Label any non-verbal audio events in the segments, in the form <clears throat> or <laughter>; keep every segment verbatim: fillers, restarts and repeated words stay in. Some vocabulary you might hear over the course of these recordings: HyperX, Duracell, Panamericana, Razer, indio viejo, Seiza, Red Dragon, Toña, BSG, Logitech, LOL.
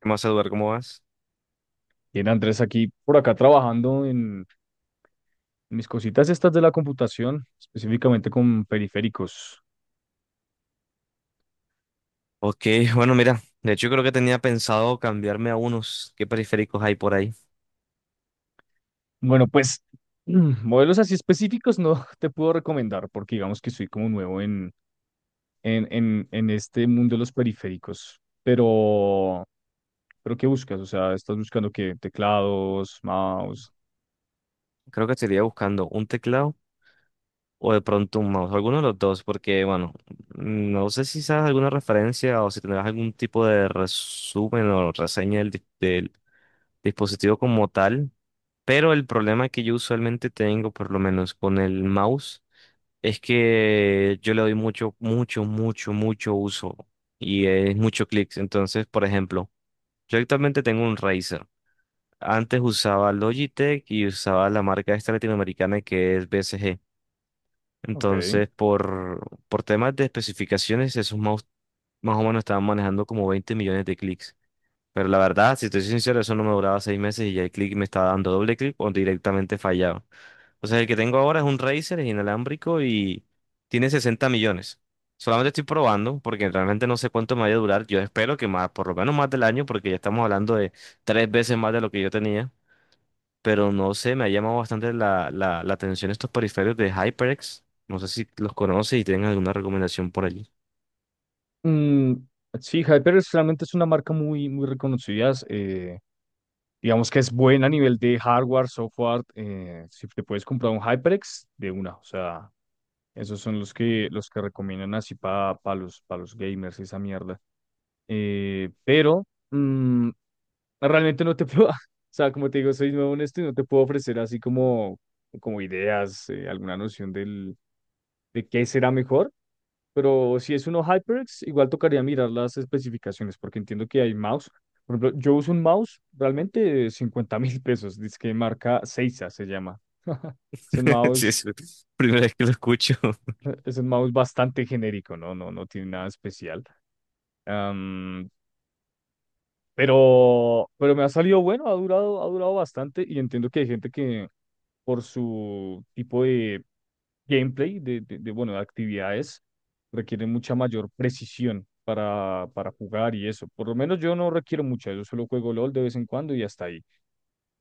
¿Qué más, Eduardo? ¿Cómo vas? Bien, Andrés, aquí por acá trabajando en mis cositas estas de la computación, específicamente con periféricos. Ok, bueno, mira, de hecho creo que tenía pensado cambiarme a unos. ¿Qué periféricos hay por ahí? Bueno, pues <clears throat> mm, modelos así específicos no <laughs> te puedo recomendar porque digamos que soy como nuevo en, en, en, en este mundo de los periféricos. Pero, pero ¿qué buscas? O sea, ¿estás buscando qué? Teclados, mouse. Creo que estaría buscando un teclado o de pronto un mouse, alguno de los dos, porque bueno, no sé si sabes alguna referencia o si tendrás algún tipo de resumen o reseña del, di- del dispositivo como tal, pero el problema que yo usualmente tengo, por lo menos con el mouse, es que yo le doy mucho, mucho, mucho, mucho uso y es mucho clics. Entonces, por ejemplo, yo actualmente tengo un Razer. Antes usaba Logitech y usaba la marca esta latinoamericana que es B S G. Ok. Entonces, por, por temas de especificaciones, esos mouse más o menos estaban manejando como veinte millones de clics. Pero la verdad, si te soy sincero, eso no me duraba seis meses y ya el clic me estaba dando doble clic o directamente fallaba. O sea, el que tengo ahora es un Razer, es inalámbrico y tiene sesenta millones. Solamente estoy probando porque realmente no sé cuánto me vaya a durar. Yo espero que más, por lo menos más del año, porque ya estamos hablando de tres veces más de lo que yo tenía. Pero no sé, me ha llamado bastante la, la, la atención estos periféricos de HyperX. No sé si los conoces y tienen alguna recomendación por allí. Mm, sí, Hyper realmente es una marca muy, muy reconocida. eh, Digamos que es buena a nivel de hardware, software. Eh, si te puedes comprar un HyperX de una, o sea, esos son los que, los que recomiendan así para los, para los gamers, esa mierda. Eh, pero mm, Realmente no te puedo, <laughs> o sea, como te digo, soy nuevo en esto y no te puedo ofrecer así como, como ideas, eh, alguna noción del, de qué será mejor. Pero si es uno HyperX, igual tocaría mirar las especificaciones, porque entiendo que hay mouse. Por ejemplo, yo uso un mouse realmente de 50 <laughs> mil pesos, dice que marca Seiza se llama. <laughs> Es un <laughs> Sí, mouse, es la primera vez que lo escucho. <laughs> es un mouse bastante genérico, ¿no? No, no tiene nada especial. Am, pero, pero me ha salido bueno, ha durado, ha durado bastante y entiendo que hay gente que por su tipo de gameplay, de, de, de, bueno, de actividades, requiere mucha mayor precisión para, para jugar y eso. Por lo menos yo no requiero mucha, yo solo juego LOL de vez en cuando y hasta ahí.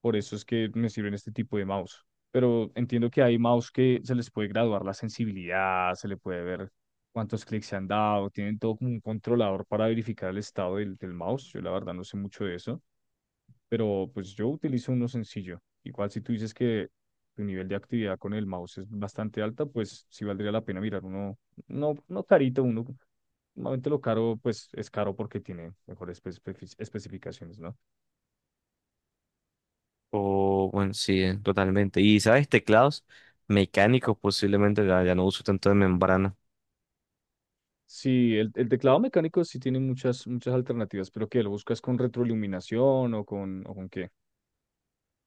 Por eso es que me sirven este tipo de mouse. Pero entiendo que hay mouse que se les puede graduar la sensibilidad, se le puede ver cuántos clics se han dado, tienen todo como un controlador para verificar el estado del, del mouse. Yo la verdad no sé mucho de eso, pero pues yo utilizo uno sencillo. Igual si tú dices que tu nivel de actividad con el mouse es bastante alta, pues sí valdría la pena mirar uno, no, no carito, uno, normalmente lo caro, pues es caro porque tiene mejores espe- especificaciones, ¿no? O bueno, sí, eh, totalmente. Y sabes, teclados mecánicos posiblemente, ya ya no uso tanto de membrana. Sí, el, el teclado mecánico sí tiene muchas, muchas alternativas, pero ¿qué? ¿Lo buscas con retroiluminación o con, o con qué?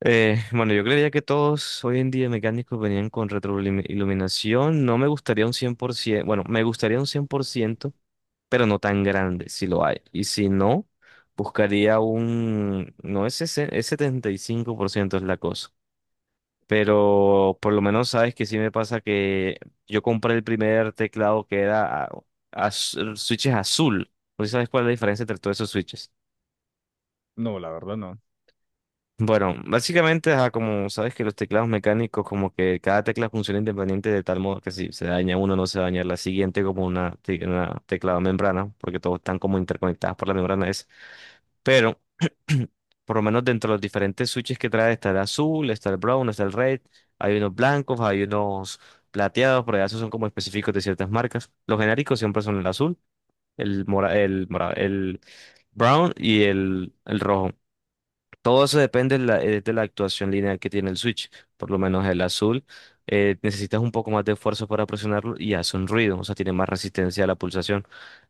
Eh, bueno, yo creía que todos hoy en día mecánicos venían con retroiluminación. No me gustaría un cien por ciento, bueno, me gustaría un cien por ciento, pero no tan grande, si lo hay. Y si no, buscaría un, no es, sesen- es setenta y cinco por ciento es la cosa. Pero por lo menos sabes que sí me pasa que yo compré el primer teclado que era a- az- switches azul. No sé si sabes cuál es la diferencia entre todos esos switches. No, la verdad no. Bueno, básicamente, ajá, como sabes que los teclados mecánicos, como que cada tecla funciona independiente de tal modo que si se daña uno, no se daña la siguiente, como una, te- una teclado membrana, porque todos están como interconectados por la membrana es. Pero, <clears throat> por lo menos dentro de los diferentes switches que trae, está el azul, está el brown, está el red, hay unos blancos, hay unos plateados, pero ya esos son como específicos de ciertas marcas. Los genéricos siempre son el azul, el mora, el mora- el brown y el, el rojo. Todo eso depende de la, eh, de la actuación lineal que tiene el switch. Por lo menos el azul, eh, necesitas un poco más de esfuerzo para presionarlo y hace un ruido, o sea, tiene más resistencia a la pulsación.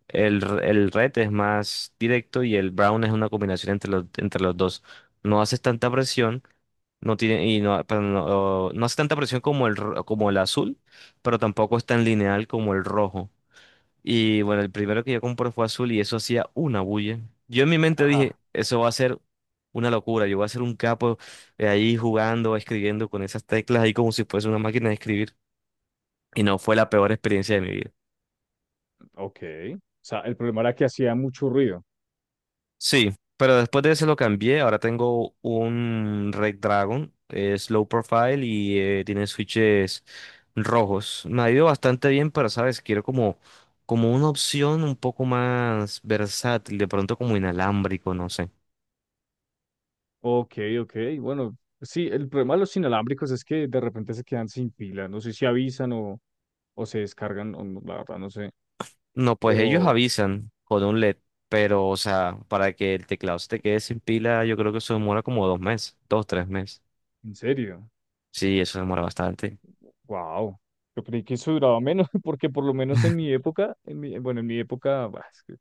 El, r- el red es más directo y el brown es una combinación entre los, entre los dos. No haces tanta presión, no tiene, y no, perdón, no, no hace tanta presión como el, ro- como el azul, pero tampoco es tan lineal como el rojo. Y bueno, el primero que yo compré fue azul y eso hacía una bulla. Yo en mi mente dije, Ajá. eso va a ser una locura, yo voy a ser un capo eh, ahí jugando, escribiendo con esas teclas ahí como si fuese una máquina de escribir. Y no fue la peor experiencia de mi vida. Ok. O sea, el problema era que hacía mucho ruido. Sí, pero después de ese lo cambié, ahora tengo un Red Dragon, es Slow Profile y eh, tiene switches rojos. Me ha ido bastante bien, pero sabes, quiero como, como una opción un poco más versátil, de pronto como inalámbrico, no sé. Ok, ok. Bueno, sí, el problema de los inalámbricos es que de repente se quedan sin pila. No sé si avisan o, o se descargan, o no, la verdad no sé. No, pues ellos Pero, avisan con un L E D, pero, o sea, para que el teclado se te quede sin pila, yo creo que eso demora como dos meses, dos, tres meses. ¿en serio? Sí, eso demora bastante. Wow. Yo creí que eso duraba menos, <laughs> porque por lo menos en mi época, en mi, bueno, en mi época, bah, es que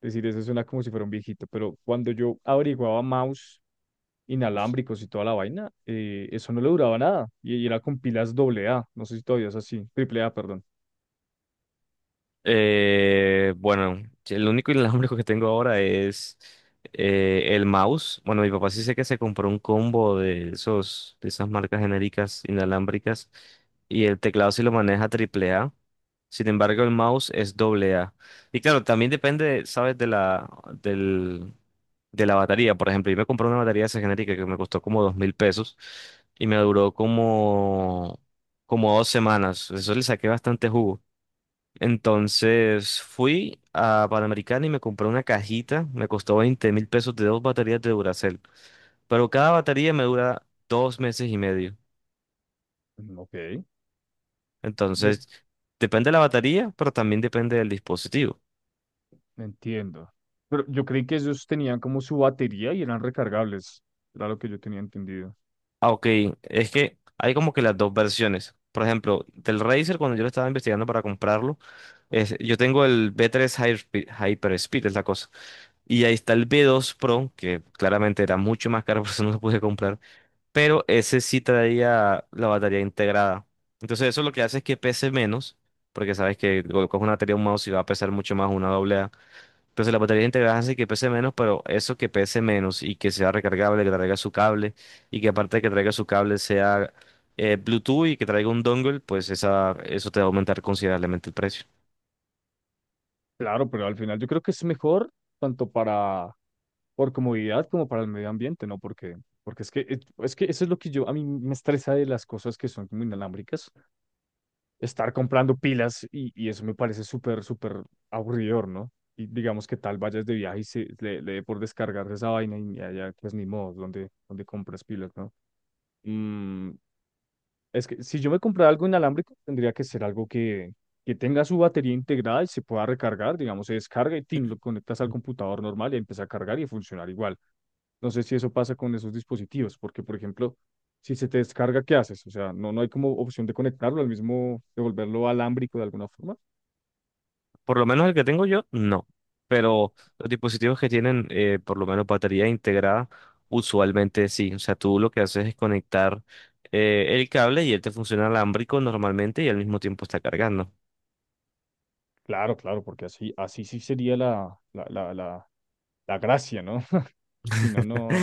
decir eso suena como si fuera un viejito, pero cuando yo averiguaba mouse inalámbricos y toda la vaina, eh, eso no le duraba nada. Y, y era con pilas doble A, no sé si todavía es así, triple A, perdón. Eh, bueno, sí, el único inalámbrico <laughs> que tengo ahora es eh, el mouse. Bueno, mi papá sí sé que se compró un combo de esos, de esas marcas genéricas inalámbricas y el teclado sí lo maneja triple A. Sin embargo, el mouse es doble A. Y claro, también depende, ¿sabes? De la, del, de la batería. Por ejemplo, yo me compré una batería de esa genérica que me costó como dos mil pesos y me duró como, como dos semanas. Eso le saqué bastante jugo. Entonces fui a Panamericana y me compré una cajita. Me costó veinte mil pesos de dos baterías de Duracell. Pero cada batería me dura dos meses y medio. Mm, ok. Ve- Entonces, depende de la batería, pero también depende del dispositivo. Entiendo. Pero yo creí que ellos tenían como su batería y eran recargables. Era lo que yo tenía entendido. Ah, ok. Es que hay como que las dos versiones. Por ejemplo, del Razer, cuando yo lo estaba investigando para comprarlo, es- yo tengo el B tres Hyper, Hyperspeed, es la cosa. Y ahí está el B dos Pro, que claramente era mucho más caro, <laughs> por eso no lo pude comprar, pero ese sí traía la batería integrada. Entonces eso lo que hace es que pese menos, porque sabes que colocas una batería un mouse y va a pesar mucho más una doble A. Entonces la batería integrada hace que pese menos, pero eso que pese menos y que sea recargable, que traiga su cable y que aparte de que traiga su cable sea eh, Bluetooth y que traiga un dongle, pues esa, eso te va a aumentar considerablemente el precio. Claro, pero al final yo creo que es mejor tanto para por comodidad como para el medio ambiente, ¿no? Porque, porque es que, es es que eso es lo que yo, a mí me estresa de las cosas que son como inalámbricas, estar comprando pilas y, y eso me parece súper, súper aburridor, ¿no? Y digamos que tal vayas de viaje y se, le, le dé por descargar esa vaina y allá pues ni modo, donde, donde compras pilas, ¿no? Mm, es que si yo me comprara algo inalámbrico, tendría que ser algo que, que tenga su batería integrada y se pueda recargar, digamos, se descarga y tin, lo conectas al computador normal y empieza a cargar y a funcionar igual. No sé si eso pasa con esos dispositivos, porque, por ejemplo, si se te descarga, ¿qué haces? O sea, no, no hay como opción de conectarlo al mismo, de volverlo alámbrico de alguna forma. Por lo menos el que tengo yo, no. Pero los dispositivos que tienen, eh, por lo menos batería integrada, usualmente sí. O sea, tú lo que haces es conectar eh, el cable y él te funciona alámbrico normalmente y al mismo tiempo está cargando. Claro, claro, porque así, así sí sería la, la, la, la, la gracia, ¿no? <laughs> Si no, no,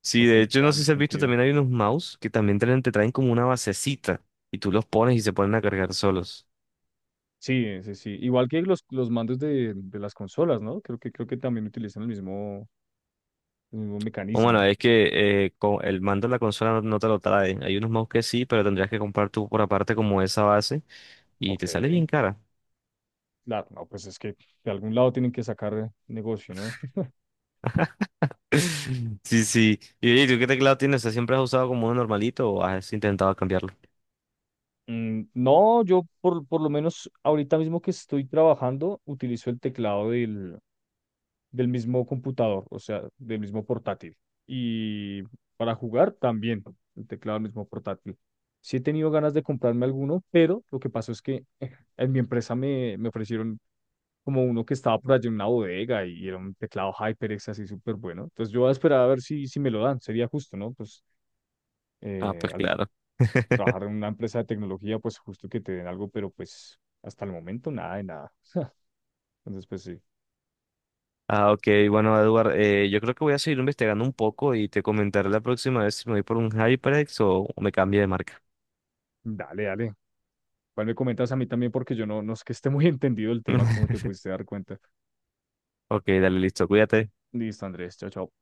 Sí, no de hecho, no tendría sé si has visto, sentido. también hay unos mouse que también traen- te traen como una basecita y tú los pones y se ponen a cargar solos. Sí, sí, sí. Igual que los, los mandos de, de las consolas, ¿no? Creo que, creo que también utilizan el mismo, el mismo O bueno, mecanismo. es que eh, con el mando de la consola no, no te lo trae. Hay unos mouse que sí, pero tendrías que comprar tú por aparte como esa base y Ok. te sale bien cara. Claro, no, pues es que de algún lado tienen que sacar negocio, ¿no? <laughs> <laughs> Sí, sí. Y oye, ¿tú qué teclado tienes? ¿Te Siempre has usado como uno normalito o has intentado cambiarlo? Mm, no, yo por, por lo menos ahorita mismo que estoy trabajando, utilizo el teclado del, del mismo computador, o sea, del mismo portátil. Y para jugar también, el teclado del mismo portátil. Sí he tenido ganas de comprarme alguno, pero lo que pasó es que <laughs> en mi empresa me, me ofrecieron como uno que estaba por allá en una bodega y era un teclado HyperX así súper bueno. Entonces yo voy a esperar a ver si, si me lo dan, sería justo, ¿no? Pues Ah, eh, pues al tr- claro. <laughs> trabajar en una empresa de tecnología, pues justo que te den algo, pero pues hasta el momento nada de nada. <laughs> Entonces pues sí, Ah, ok. Bueno, Edward, eh, yo creo que voy a seguir investigando un poco y te comentaré la próxima vez si me voy por un HyperX o o me cambio de marca. dale, dale. Igual me comentas a mí también porque yo no, no es que esté muy <laughs> entendido el tema, como te pudiste <laughs> dar cuenta. Ok, dale, listo. Cuídate. Listo, Andrés, chao, chao.